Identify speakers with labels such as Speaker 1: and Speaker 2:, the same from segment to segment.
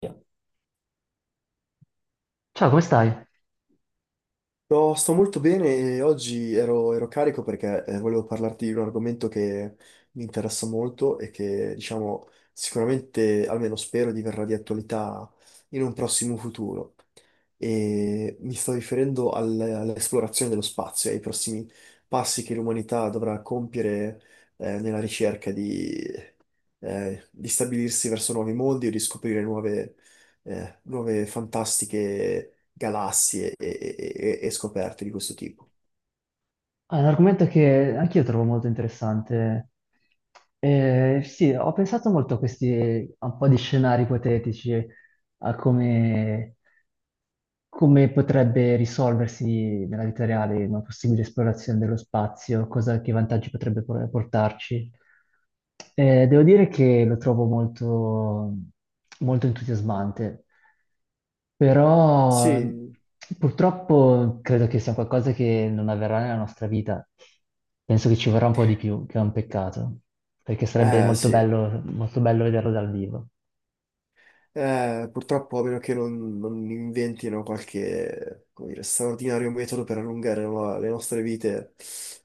Speaker 1: Via. Ciao, come stai?
Speaker 2: No, sto molto bene e oggi ero, ero carico perché volevo parlarti di un argomento che mi interessa molto e che, diciamo, sicuramente, almeno spero, diverrà di attualità in un prossimo futuro. E mi sto riferendo all'esplorazione dello spazio e ai prossimi passi che l'umanità dovrà compiere, nella ricerca di stabilirsi verso nuovi mondi o di scoprire nuove, nuove fantastiche galassie e scoperte di questo tipo.
Speaker 1: Ah, è un argomento che anch'io trovo molto interessante. Sì, ho pensato molto a un po' di scenari ipotetici, a come, come potrebbe risolversi nella vita reale una possibile esplorazione dello spazio, cosa, che vantaggi portarci. Devo dire che lo trovo molto entusiasmante, però
Speaker 2: Sì,
Speaker 1: purtroppo credo che sia qualcosa che non avverrà nella nostra vita. Penso che ci vorrà un po' di più, che è un peccato, perché sarebbe
Speaker 2: sì.
Speaker 1: molto bello vederlo dal vivo.
Speaker 2: Purtroppo, a meno che non inventino qualche, come dire, straordinario metodo per allungare le nostre vite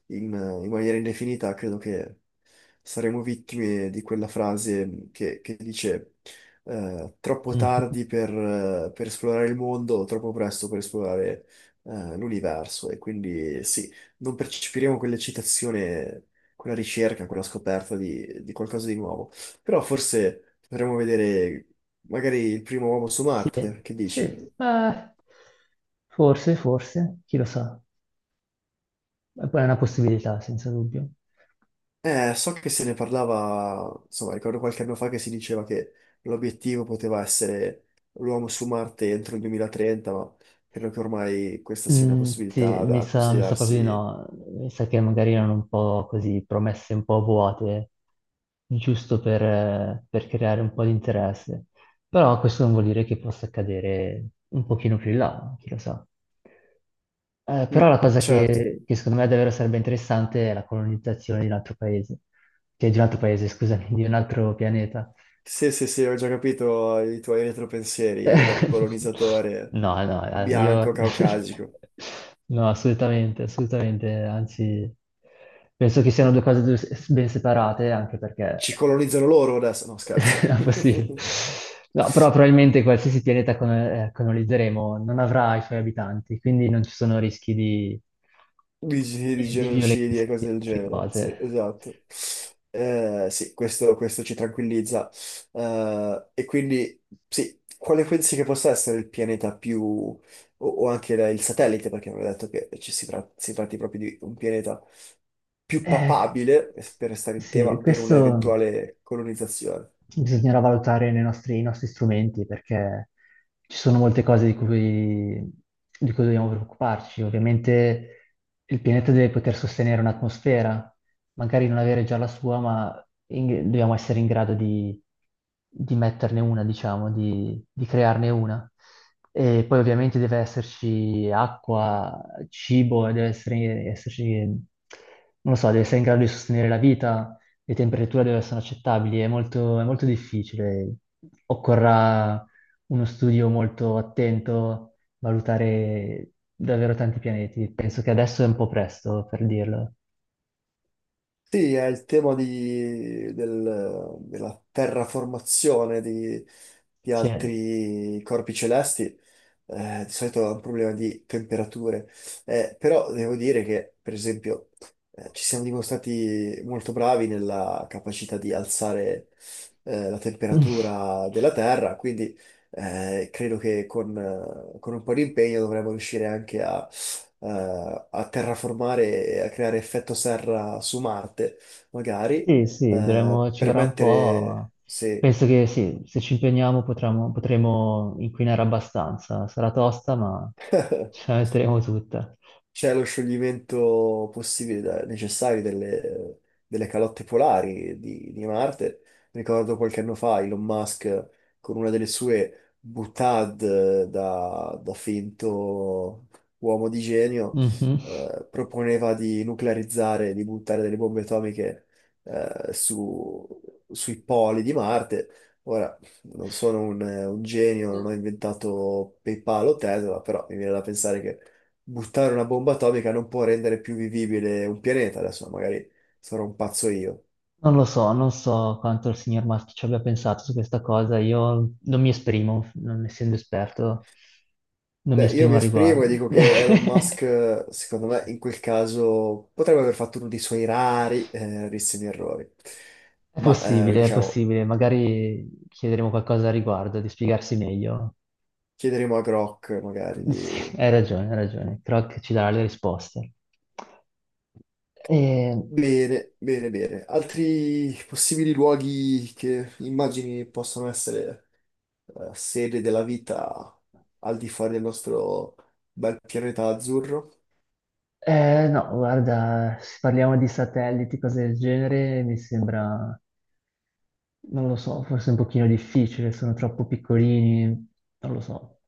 Speaker 2: in, in maniera indefinita, credo che saremo vittime di quella frase che dice troppo
Speaker 1: Mhm.
Speaker 2: tardi per esplorare il mondo, troppo presto per esplorare l'universo. E quindi sì, non percepiremo quell'eccitazione, quella ricerca, quella scoperta di qualcosa di nuovo. Però forse potremmo vedere magari il primo uomo su Marte, che dici?
Speaker 1: Sì, ma forse, chi lo sa. È poi è una possibilità, senza dubbio.
Speaker 2: So che se ne parlava, insomma, ricordo qualche anno fa che si diceva che l'obiettivo poteva essere l'uomo su Marte entro il 2030, ma credo che ormai questa sia una
Speaker 1: Mm, sì,
Speaker 2: possibilità da
Speaker 1: mi sa proprio di
Speaker 2: considerarsi.
Speaker 1: no. Mi sa che magari erano un po' così promesse un po' vuote, giusto per creare un po' di interesse. Però questo non vuol dire che possa accadere un pochino più in là, chi lo sa. Però
Speaker 2: Mm,
Speaker 1: la cosa
Speaker 2: certo,
Speaker 1: che secondo me davvero sarebbe interessante è la colonizzazione di un altro paese, cioè di un altro paese, scusami, di un altro pianeta.
Speaker 2: sì, sì, sì, ho già capito i tuoi retropensieri da colonizzatore
Speaker 1: No,
Speaker 2: bianco
Speaker 1: io
Speaker 2: caucasico.
Speaker 1: no, assolutamente, assolutamente, anzi, penso che siano ben separate, anche
Speaker 2: Ci
Speaker 1: perché
Speaker 2: colonizzano loro adesso? No, scherzo.
Speaker 1: è possibile. No, però probabilmente qualsiasi colonizzeremo non avrà i suoi abitanti, quindi non ci sono
Speaker 2: Di, di
Speaker 1: di
Speaker 2: genocidi
Speaker 1: violenza
Speaker 2: e
Speaker 1: e
Speaker 2: cose
Speaker 1: di
Speaker 2: del
Speaker 1: altre
Speaker 2: genere, sì,
Speaker 1: cose.
Speaker 2: esatto. Sì, questo, questo ci tranquillizza. E quindi, sì, quale pensi che possa essere il pianeta più, o anche il satellite, perché avevo detto che ci si, si tratti proprio di un pianeta più
Speaker 1: Eh,
Speaker 2: papabile, per restare in tema,
Speaker 1: sì,
Speaker 2: per
Speaker 1: questo.
Speaker 2: un'eventuale colonizzazione?
Speaker 1: Bisognerà valutare i nostri strumenti perché ci sono molte di cui dobbiamo preoccuparci. Ovviamente il pianeta deve poter sostenere un'atmosfera, magari non avere già la sua, dobbiamo essere in grado di metterne una, di crearne una. E poi ovviamente deve esserci acqua, cibo, e esserci, non lo so, deve essere in grado di sostenere la vita, le temperature dove sono accettabili, è è molto difficile. Occorrerà uno studio molto attento, valutare davvero tanti pianeti. Penso che adesso è un po' presto per dirlo.
Speaker 2: Sì, è il tema della terraformazione di
Speaker 1: Sì,
Speaker 2: altri corpi celesti. Eh, di solito è un problema di temperature. Però devo dire che, per esempio, ci siamo dimostrati molto bravi nella capacità di alzare, la temperatura della Terra, quindi, credo che con un po' di impegno dovremmo riuscire anche a, a terraformare e a creare effetto serra su Marte, magari,
Speaker 1: sì, sì, ci
Speaker 2: per
Speaker 1: vorrà un po', ma
Speaker 2: mettere, se
Speaker 1: penso che sì, se ci impegniamo potremo inquinare abbastanza. Sarà tosta, ma ce la metteremo tutta.
Speaker 2: c'è lo scioglimento possibile, necessario delle, delle calotte polari di Marte. Ricordo qualche anno fa Elon Musk con una delle sue boutade da finto uomo di genio,
Speaker 1: Mhm.
Speaker 2: proponeva di nuclearizzare, di buttare delle bombe atomiche, eh, su- sui poli di Marte. Ora, non sono un genio, non ho inventato PayPal o Tesla, però mi viene da pensare che buttare una bomba atomica non può rendere più vivibile un pianeta. Adesso magari sarò un pazzo io.
Speaker 1: Non lo so, non so quanto il signor Musk ci abbia pensato su questa cosa, io non mi esprimo, non essendo esperto, non mi
Speaker 2: Beh, io
Speaker 1: esprimo
Speaker 2: mi
Speaker 1: al
Speaker 2: esprimo e
Speaker 1: riguardo.
Speaker 2: dico che Elon Musk, secondo me, in quel caso potrebbe aver fatto uno dei suoi rari, rarissimi errori. Ma,
Speaker 1: È
Speaker 2: diciamo,
Speaker 1: possibile, magari chiederemo qualcosa al riguardo, di spiegarsi meglio.
Speaker 2: chiederemo a Grok magari
Speaker 1: Sì,
Speaker 2: di...
Speaker 1: hai ragione, Croc ci darà le risposte. E-
Speaker 2: Bene, bene, bene. Altri possibili luoghi che immagini possono essere sede della vita al di fuori del nostro bel pianeta azzurro?
Speaker 1: no, guarda, se parliamo di satelliti, cose del genere, mi sembra... Non lo so, forse è un pochino difficile, sono troppo piccolini, non lo so.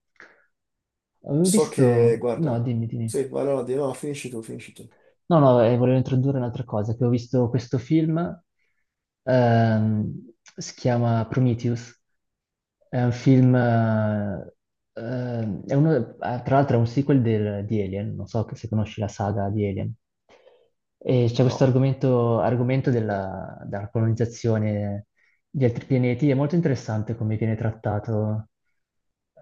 Speaker 1: Avevo
Speaker 2: So che,
Speaker 1: visto... No,
Speaker 2: guarda,
Speaker 1: dimmi, dimmi.
Speaker 2: sì, ma allora no, finisci tu, finisci tu.
Speaker 1: No, no, volevo introdurre un'altra cosa, che ho visto questo film, si chiama Prometheus, è un ehm, è uno- eh, tra l'altro è un di Alien, non so se conosci la saga di Alien, e c'è questo
Speaker 2: No.
Speaker 1: argomento, argomento della colonizzazione di altri pianeti, è molto interessante come viene trattato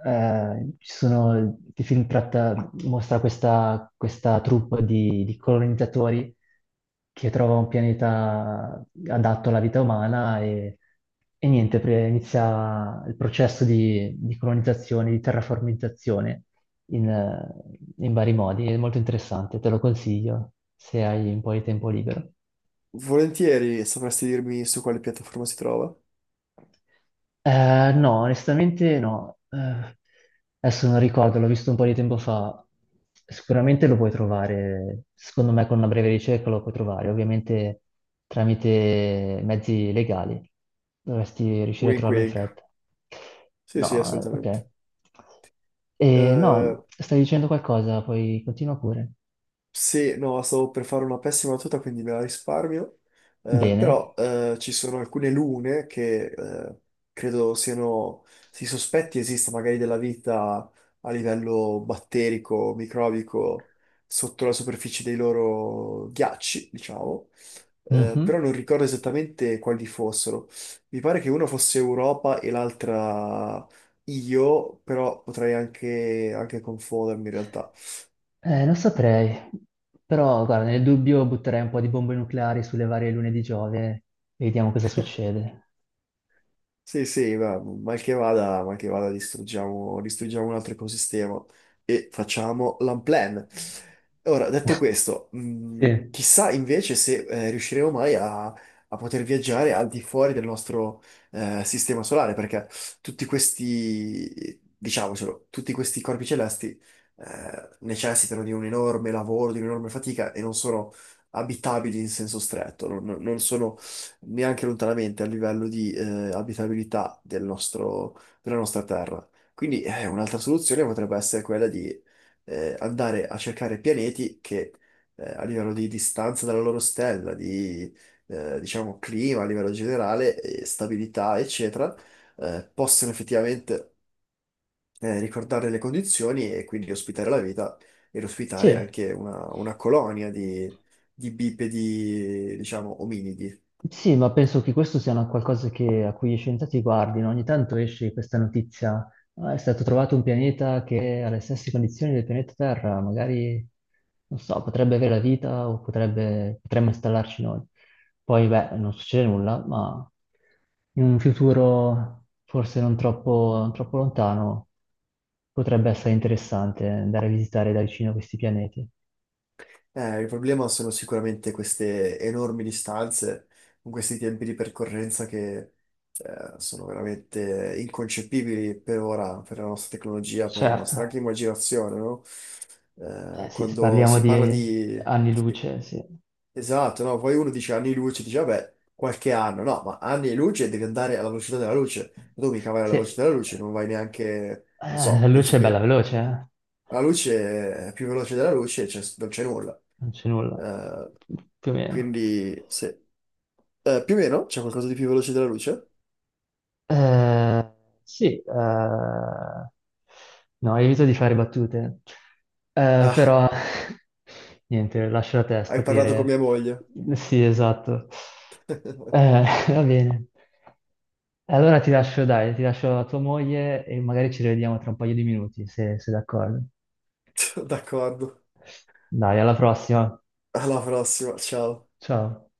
Speaker 1: eh, ci sono, il film tratta, mostra questa troupe di colonizzatori che trova un pianeta adatto alla vita umana e niente, inizia il processo di colonizzazione, di terraformizzazione in, eh, in vari modi. È molto interessante, te lo consiglio se hai un po' di tempo libero.
Speaker 2: Volentieri sapresti dirmi su quale piattaforma si trova?
Speaker 1: No, onestamente no. Adesso non ricordo, l'ho visto un po' di tempo fa. Sicuramente lo puoi trovare, secondo me con una breve ricerca lo puoi trovare, ovviamente tramite mezzi legali. Dovresti riuscire a
Speaker 2: Wink
Speaker 1: trovarlo in
Speaker 2: wink.
Speaker 1: fretta.
Speaker 2: Sì,
Speaker 1: No,
Speaker 2: sì,
Speaker 1: ok.
Speaker 2: assolutamente.
Speaker 1: E,
Speaker 2: Eh,
Speaker 1: no, stai dicendo qualcosa, poi continua pure.
Speaker 2: Sì, no, stavo per fare una pessima battuta, quindi me la risparmio. Però
Speaker 1: Bene.
Speaker 2: ci sono alcune lune che credo siano, si sospetti esista magari della vita a livello batterico, microbico, sotto la superficie dei loro ghiacci, diciamo. Però
Speaker 1: Mhm.
Speaker 2: non ricordo esattamente quali fossero. Mi pare che una fosse Europa e l'altra io, però potrei anche confondermi in realtà.
Speaker 1: Non saprei, però guarda, nel dubbio butterei un po' di bombe nucleari sulle varie lune di Giove e vediamo cosa succede.
Speaker 2: Sì, sì, ma mal che vada distruggiamo, distruggiamo un altro ecosistema e facciamo l'unplan. Ora, detto questo,
Speaker 1: Sì.
Speaker 2: chissà invece se riusciremo mai a, a poter viaggiare al di fuori del nostro sistema solare, perché tutti questi, diciamocelo, tutti questi corpi celesti necessitano di un enorme lavoro, di un'enorme fatica e non sono abitabili in senso stretto, non sono neanche lontanamente a livello di abitabilità del della nostra terra. Quindi un'altra soluzione potrebbe essere quella di andare a cercare pianeti che a livello di distanza dalla loro stella, di diciamo clima a livello generale, stabilità, eccetera, possono effettivamente ricordare le condizioni e quindi ospitare la vita ed
Speaker 1: Sì.
Speaker 2: ospitare anche una colonia di bipedi, diciamo, ominidi.
Speaker 1: Sì, ma penso che questo sia una a cui gli scienziati guardino. Ogni tanto esce questa notizia. "Ah, è stato trovato un pianeta che ha le stesse condizioni del pianeta Terra, magari, non so, potrebbe avere la vita o potrebbe, potremmo installarci noi. Poi, beh, non succede nulla, ma in un futuro forse non troppo lontano potrebbe essere interessante andare a visitare da vicino questi pianeti.
Speaker 2: Il problema sono sicuramente queste enormi distanze, con questi tempi di percorrenza che sono veramente inconcepibili per ora, per la nostra tecnologia, per la nostra
Speaker 1: Certo.
Speaker 2: anche immaginazione, no?
Speaker 1: Eh sì, se
Speaker 2: Quando
Speaker 1: parliamo
Speaker 2: si parla
Speaker 1: di
Speaker 2: di...
Speaker 1: anni
Speaker 2: sì,
Speaker 1: luce, sì.
Speaker 2: esatto, no? Poi uno dice anni luce, dice vabbè, qualche anno, no, ma anni e luce devi andare alla velocità della luce, tu mica vai alla
Speaker 1: Sì,
Speaker 2: velocità
Speaker 1: eh,
Speaker 2: della luce, non vai neanche, non
Speaker 1: la
Speaker 2: so, penso
Speaker 1: luce è bella
Speaker 2: che
Speaker 1: veloce, eh?
Speaker 2: la luce è più veloce della luce, cioè, non c'è nulla.
Speaker 1: Non c'è nulla,
Speaker 2: Eh,
Speaker 1: più o meno.
Speaker 2: quindi, se... più o meno c'è qualcosa di più veloce della luce?
Speaker 1: Eh, sì, eh, no, evito di fare battute, eh,
Speaker 2: Ah,
Speaker 1: però niente, lascio a te
Speaker 2: hai parlato con
Speaker 1: scoprire.
Speaker 2: mia moglie.
Speaker 1: Sì, esatto. Eh, va bene. Allora ti lascio, dai, ti lascio a tua moglie e magari ci rivediamo tra un paio di minuti, se se d'accordo.
Speaker 2: D'accordo.
Speaker 1: Dai, alla prossima.
Speaker 2: Alla prossima, ciao.
Speaker 1: Ciao.